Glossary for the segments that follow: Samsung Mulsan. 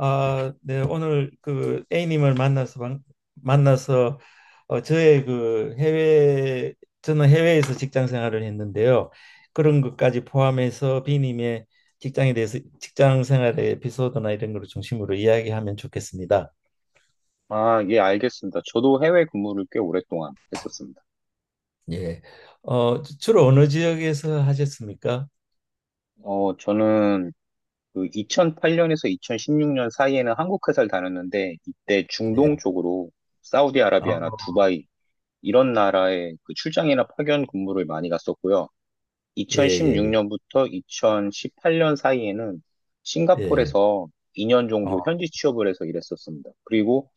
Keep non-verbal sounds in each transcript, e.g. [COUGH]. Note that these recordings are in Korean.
아, 네, 오늘 그 A님을 만나서 만나서 어, 저의 그 해외 저는 해외에서 직장 생활을 했는데요. 그런 것까지 포함해서 B님의 직장에 대해서 직장 생활의 에피소드나 이런 걸 중심으로 이야기하면 좋겠습니다. 아, 예, 알겠습니다. 저도 해외 근무를 꽤 오랫동안 했었습니다. 예. 주로 어느 지역에서 하셨습니까? 어, 저는 그 2008년에서 2016년 사이에는 한국 회사를 다녔는데, 이때 네. 중동 쪽으로 아, 사우디아라비아나 두바이, 이런 나라에 그 출장이나 파견 근무를 많이 갔었고요. 예, 예, 2016년부터 2018년 사이에는 예. 예. 싱가포르에서 2년 정도 어, 현지 취업을 해서 일했었습니다. 그리고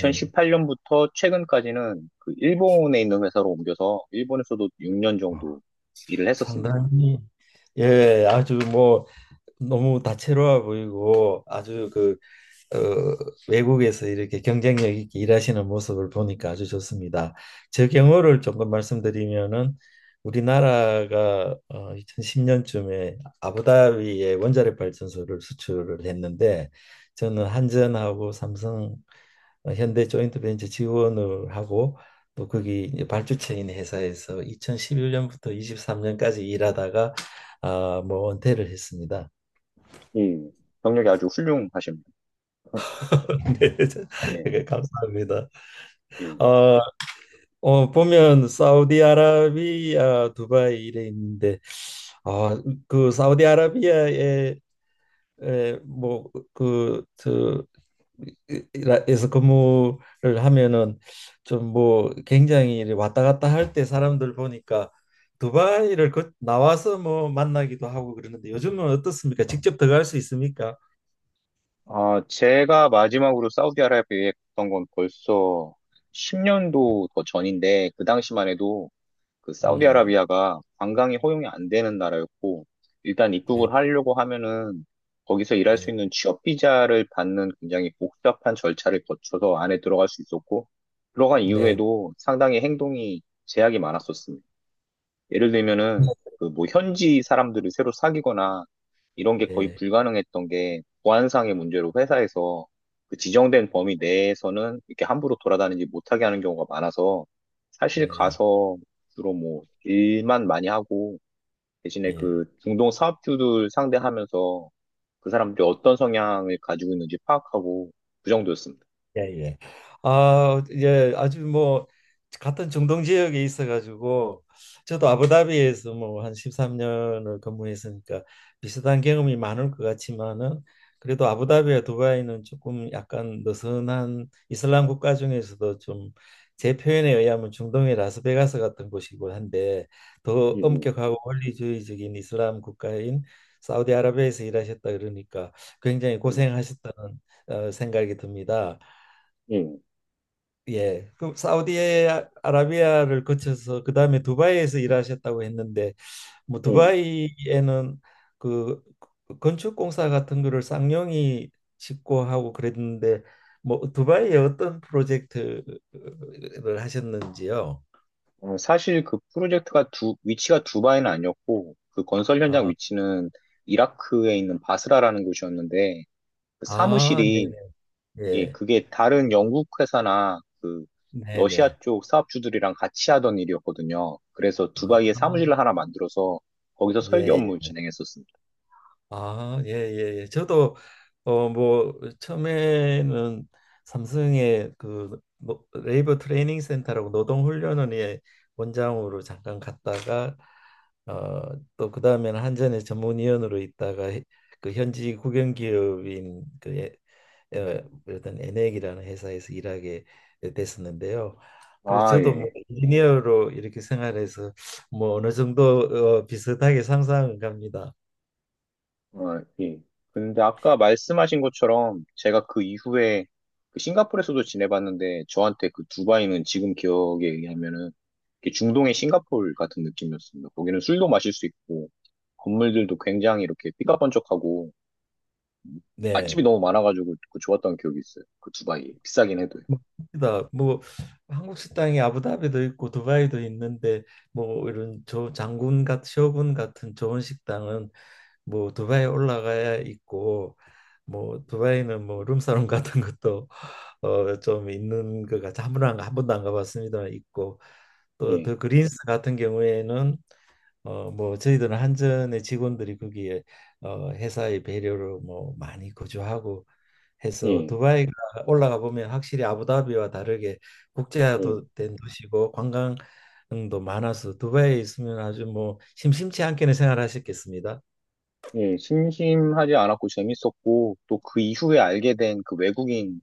예. 최근까지는 그 일본에 있는 회사로 옮겨서 일본에서도 6년 어, 정도 일을 했었습니다. 상당히 예, 아주 뭐 너무 다채로워 보이고 아주 어, 외국에서 이렇게 경쟁력 있게 일하시는 모습을 보니까 아주 좋습니다. 제 경우를 조금 말씀드리면은 우리나라가 2010년쯤에 아부다비에 원자력 발전소를 수출을 했는데, 저는 한전하고 삼성, 현대 조인트벤처 지원을 하고 또 거기 이제 발주처인 회사에서 2011년부터 23년까지 일하다가, 아, 뭐 은퇴를 했습니다. 예, 경력이 아주 훌륭하십니다. [LAUGHS] 네, 예, 네, 감사합니다. 예. 어, 어 보면 사우디아라비아, 두바이 이래 있는데, 아 그 사우디아라비아에 뭐그저에서 근무를 하면은, 좀 뭐 굉장히 이래 왔다 갔다 할 때 사람들 보니까 두바이를 그 나와서 뭐 만나기도 하고 그러는데, 요즘은 어떻습니까? 직접 들어갈 수 있습니까? 아, 제가 마지막으로 사우디아라비아에 갔던 건 벌써 10년도 더 전인데, 그 당시만 해도 그 음, 사우디아라비아가 관광이 허용이 안 되는 나라였고 일단 네, 입국을 하려고 하면은 거기서 일할 수 네, 있는 취업 비자를 받는 굉장히 복잡한 절차를 거쳐서 안에 들어갈 수 있었고 들어간 네, 이후에도 상당히 행동이 제약이 많았었습니다. 예를 들면은 그 뭐 현지 사람들을 새로 사귀거나 이런 게 거의 네, 불가능했던 게 보안상의 문제로 회사에서 그 지정된 범위 내에서는 이렇게 함부로 돌아다니지 못하게 하는 경우가 많아서 사실 네, 가서 주로 뭐 일만 많이 하고 대신에 예. 그 중동 사업주들 상대하면서 그 사람들이 어떤 성향을 가지고 있는지 파악하고 그 정도였습니다. 예, 예. 아, 예, 아주 뭐 같은 중동 지역에 있어 가지고 저도 네. 아부다비에서 뭐 한 13년을 근무했으니까 비슷한 경험이 많을 것 같지만은, 그래도 아부다비와 두바이는 조금 약간 느슨한 이슬람 국가 중에서도 좀, 제 표현에 의하면 중동의 라스베가스 같은 곳이고 한데, 더 음, 엄격하고 원리주의적인 이슬람 국가인 사우디아라비아에서 일하셨다 그러니까 굉장히 음, 고생하셨다는 생각이 듭니다. 음, 음, 예. 그럼 사우디아라비아를 거쳐서 그다음에 두바이에서 일하셨다고 했는데, 뭐 음. 두바이에는 그 건축공사 같은 거를 쌍용이 짓고 하고 그랬는데 뭐 두바이에 어떤 프로젝트를 하셨는지요? 어, 사실 그 프로젝트가 위치가 두바이는 아니었고, 그 건설 현장 아, 위치는 이라크에 있는 바스라라는 곳이었는데, 그 아, 사무실이, 네네. 예, 예. 그게 다른 영국 회사나 그 네네. 러시아 쪽 사업주들이랑 같이 하던 일이었거든요. 그래서 두바이에 아, 사무실을 하나 만들어서 거기서 설계 예. 업무 예. 진행했었습니다. 아, 예, 예, 예. 저도 어 뭐 처음에는 삼성의 그 레이버 트레이닝 센터라고 노동 훈련원의 원장으로 잠깐 갔다가, 어 또 그다음에는 한전의 전문위원으로 있다가 그 현지 국영 기업인 에, 어떤 엔액이라는 회사에서 일하게 됐었는데요. 그래서 아, 저도 뭐 예. 인지니어로 이렇게 생활해서 뭐 어느 정도 비슷하게 상상은 갑니다. 어, 예. 근데 아까 말씀하신 것처럼 제가 그 이후에 그 싱가포르에서도 지내봤는데 저한테 그 두바이는 지금 기억에 의하면은 이렇게 중동의 싱가포르 같은 느낌이었습니다. 거기는 술도 마실 수 있고 건물들도 굉장히 이렇게 삐까뻔쩍하고 맛집이 네. 너무 많아가지고 그 좋았던 기억이 있어요. 그 두바이 비싸긴 해도요. 맞습니다. 뭐 뭐, 한국 식당이 아부다비도 있고 두바이도 있는데, 뭐 이런 저 장군 같 셔군 같은 좋은 식당은 뭐 두바이 올라가야 있고, 뭐 두바이는 뭐 룸사롱 같은 것도 좀 있는 것 같아, 한 번도 안 가봤습니다만 있고, 또 예, 더 그린스 같은 경우에는 뭐 저희들은 한전의 직원들이 거기에 회사의 배려로 뭐 많이 거주하고 해서, 예, 두바이가 올라가 보면 확실히 아부다비와 다르게 예, 국제화도 된 도시고 관광도 많아서, 두바이에 있으면 아주 뭐 심심치 않게는 생활하셨겠습니다. 예. 심심하지 않았고 재밌었고 또 그 이후에 알게 된 그 외국인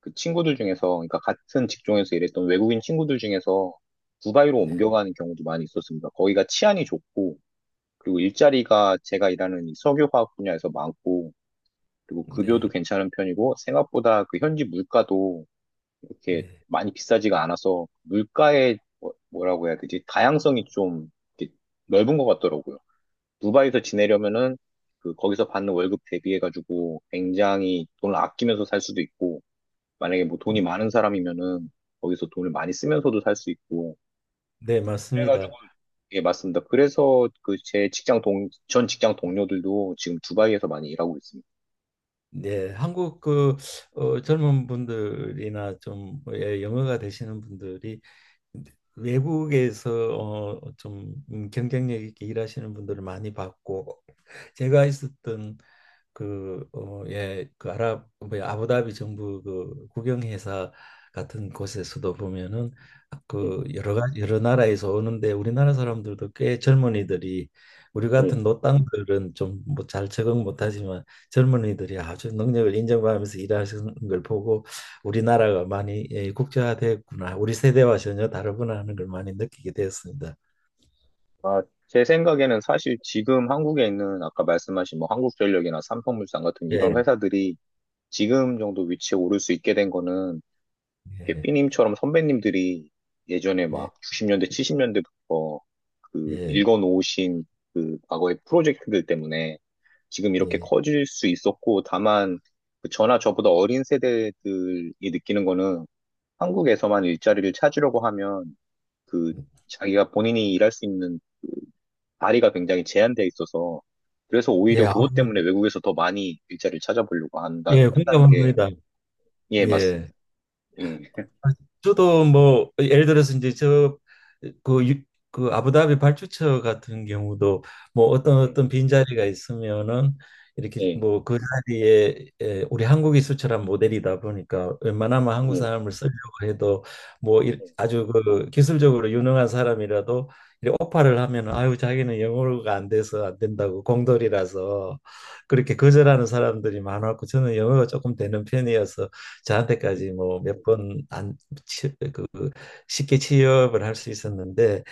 그 친구들 중에서, 그러니까 같은 직종에서 일했던 외국인 친구들 중에서 두바이로 네, 옮겨가는 경우도 많이 있었습니다. 거기가 치안이 좋고, 그리고 일자리가 제가 일하는 이 석유화학 분야에서 많고, 그리고 급여도 네, 괜찮은 편이고, 생각보다 그 현지 물가도 이렇게 네, 많이 비싸지가 않아서, 물가의 뭐라고 해야 되지? 다양성이 좀 이렇게 넓은 것 같더라고요. 두바이에서 지내려면은 그 거기서 받는 월급 대비해가지고 굉장히 돈을 아끼면서 살 수도 있고, 만약에 뭐 돈이 많은 사람이면은 거기서 돈을 많이 쓰면서도 살 수 있고 네, 그래가지고 맞습니다. 예 맞습니다. 그래서 그 제 직장 동 전 직장 동료들도 지금 두바이에서 많이 일하고 있습니다. 네, 한국 그 젊은 분들이나 좀, 예, 영어가 되시는 분들이 외국에서 좀 경쟁력 있게 일하시는 분들을 많이 봤고, 제가 있었던 예, 그 아랍, 뭐 아부다비 정부 그 국영회사 같은 곳에서도 보면은, 예, 그 여러 나라에서 오는데 우리나라 사람들도 꽤 젊은이들이, 우리 예. 같은 노땅들은 좀 뭐 잘 적응 못하지만 젊은이들이 아주 능력을 인정받으면서 일하시는 걸 보고, 우리나라가 많이, 예, 국제화됐구나, 우리 세대와 전혀 다르구나 하는 걸 많이 느끼게 되었습니다. 아, 제 생각에는 사실 지금 한국에 있는 아까 말씀하신 뭐 한국전력이나 삼성물산 같은 이런 예, 회사들이 지금 정도 위치에 오를 수 있게 된 거는 이렇게 예, 삐님처럼 선배님들이 예전에 네, 막 90년대, 70년대부터 예, 그 예, 읽어놓으신 그 과거의 프로젝트들 때문에 지금 이렇게 예. 커질 수 있었고, 다만 그 저나 저보다 어린 세대들이 느끼는 거는 한국에서만 일자리를 찾으려고 하면 그 자기가 본인이 일할 수 있는 그 다리가 굉장히 제한되어 있어서 그래서 오히려 예, 그것 때문에 외국에서 더 많이 일자리를 찾아보려고 예, 한다는 게, 공감합니다. 예, 예. 맞습니다. 네, 아, 저도 뭐 예를 들어서 이제 저그 그 아부다비 발주처 같은 경우도, 뭐 예, 어떤 빈자리가 있으면은 이렇게 예, 뭐 그 자리에 우리 한국이 수출한 모델이다 보니까 웬만하면 한국 예. 사람을 쓰려고 해도, 예. 아주 그 기술적으로 유능한 사람이라도 이렇게 오파를 하면, 아유 자기는 영어가 안 돼서 안 된다고 공돌이라서 그렇게 거절하는 사람들이 많았고, 저는 영어가 조금 되는 편이어서 저한테까지 음, 뭐몇번안 그 쉽게 취업을 할 수 있었는데,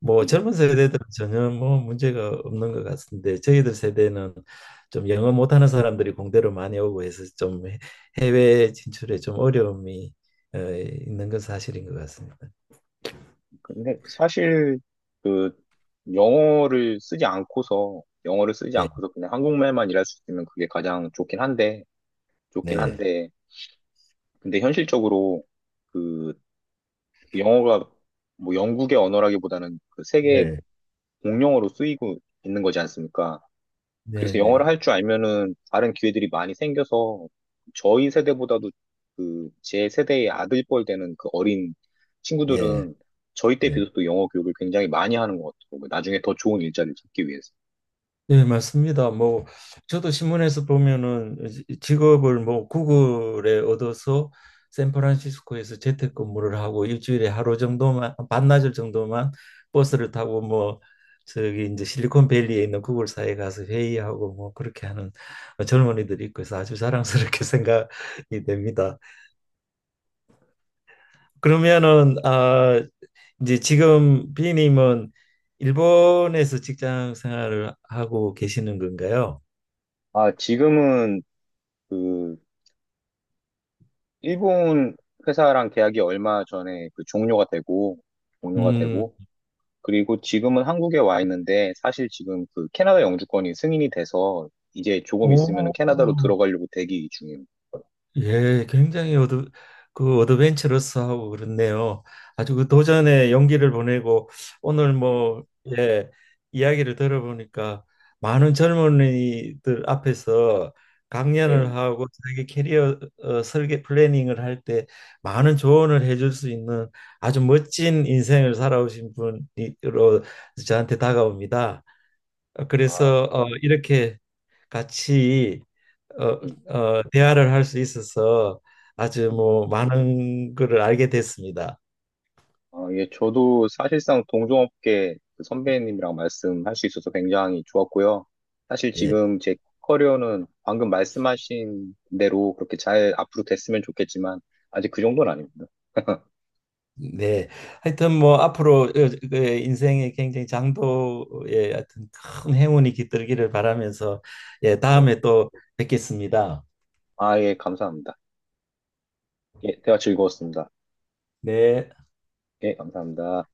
뭐 음. 젊은 세대들은 전혀 뭐 문제가 없는 것 같은데 저희들 세대는 좀 영어 못하는 사람들이 공대로 많이 오고 해서 해외 진출에 좀 어려움이 있는 건 사실인 것 같습니다. 근데 사실 그 영어를 쓰지 예, 않고서 그냥 한국말만 일할 수 있으면 그게 가장 좋긴 네, 한데 근데 현실적으로 그 영어가 뭐 영국의 언어라기보다는 그 세계 네, 공용어로 쓰이고 있는 거지 않습니까? 네, 그래서 영어를 네, 할 줄 알면은 다른 기회들이 많이 생겨서 저희 세대보다도 그 제 세대의 아들뻘 되는 그 어린 예, 친구들은 저희 때 예. 비해서도 영어 교육을 굉장히 많이 하는 것 같더라고요. 나중에 더 좋은 일자리를 찾기 위해서. 네, 맞습니다. 뭐 저도 신문에서 보면은 직업을 뭐 구글에 얻어서 샌프란시스코에서 재택근무를 하고 일주일에 하루 정도만 반나절 정도만 버스를 타고 뭐 저기 이제 실리콘밸리에 있는 구글사에 가서 회의하고 뭐 그렇게 하는 젊은이들이 있고 해서 아주 자랑스럽게 [LAUGHS] 생각이 됩니다. 그러면은, 아 이제 지금 비님은 일본에서 직장 생활을 하고 계시는 건가요? 아, 지금은 그 일본 회사랑 계약이 얼마 전에 그 종료가 음. 되고 그리고 지금은 한국에 와 있는데 사실 지금 그 캐나다 영주권이 승인이 돼서 이제 조금 있으면 오, 캐나다로 들어가려고 대기 중이에요. 예, 굉장히 그 어드벤처러스하고 그렇네요. 아주 그 도전의 용기를 보내고, 오늘 예, 뭐, 예, 이야기를 들어보니까 많은 젊은이들 앞에서 예. 강연을 하고 자기 캐리어 설계 플래닝을 할 때 많은 조언을 해줄 수 있는, 아주 멋진 인생을 살아오신 분으로 저한테 다가옵니다. 아, 그래서 이렇게 같이 어, 음, 대화를 할 수 있어서 아주 음. 뭐 많은 거를 알게 됐습니다. 아, 예, 저도 사실상 동종업계 그 선배님이랑 말씀할 수 있어서 굉장히 좋았고요. 사실 예, 지금 제 커리어는 방금 말씀하신 대로 그렇게 잘 앞으로 됐으면 좋겠지만, 아직 그 정도는 아닙니다. 네. 하여튼 뭐 앞으로 그 인생의 굉장히 장도의 하여튼 큰 행운이 깃들기를 바라면서, 예, 예. 다음에 또 뵙겠습니다. 아, 예, 감사합니다. 예, 대화 즐거웠습니다. 네. 예, 감사합니다.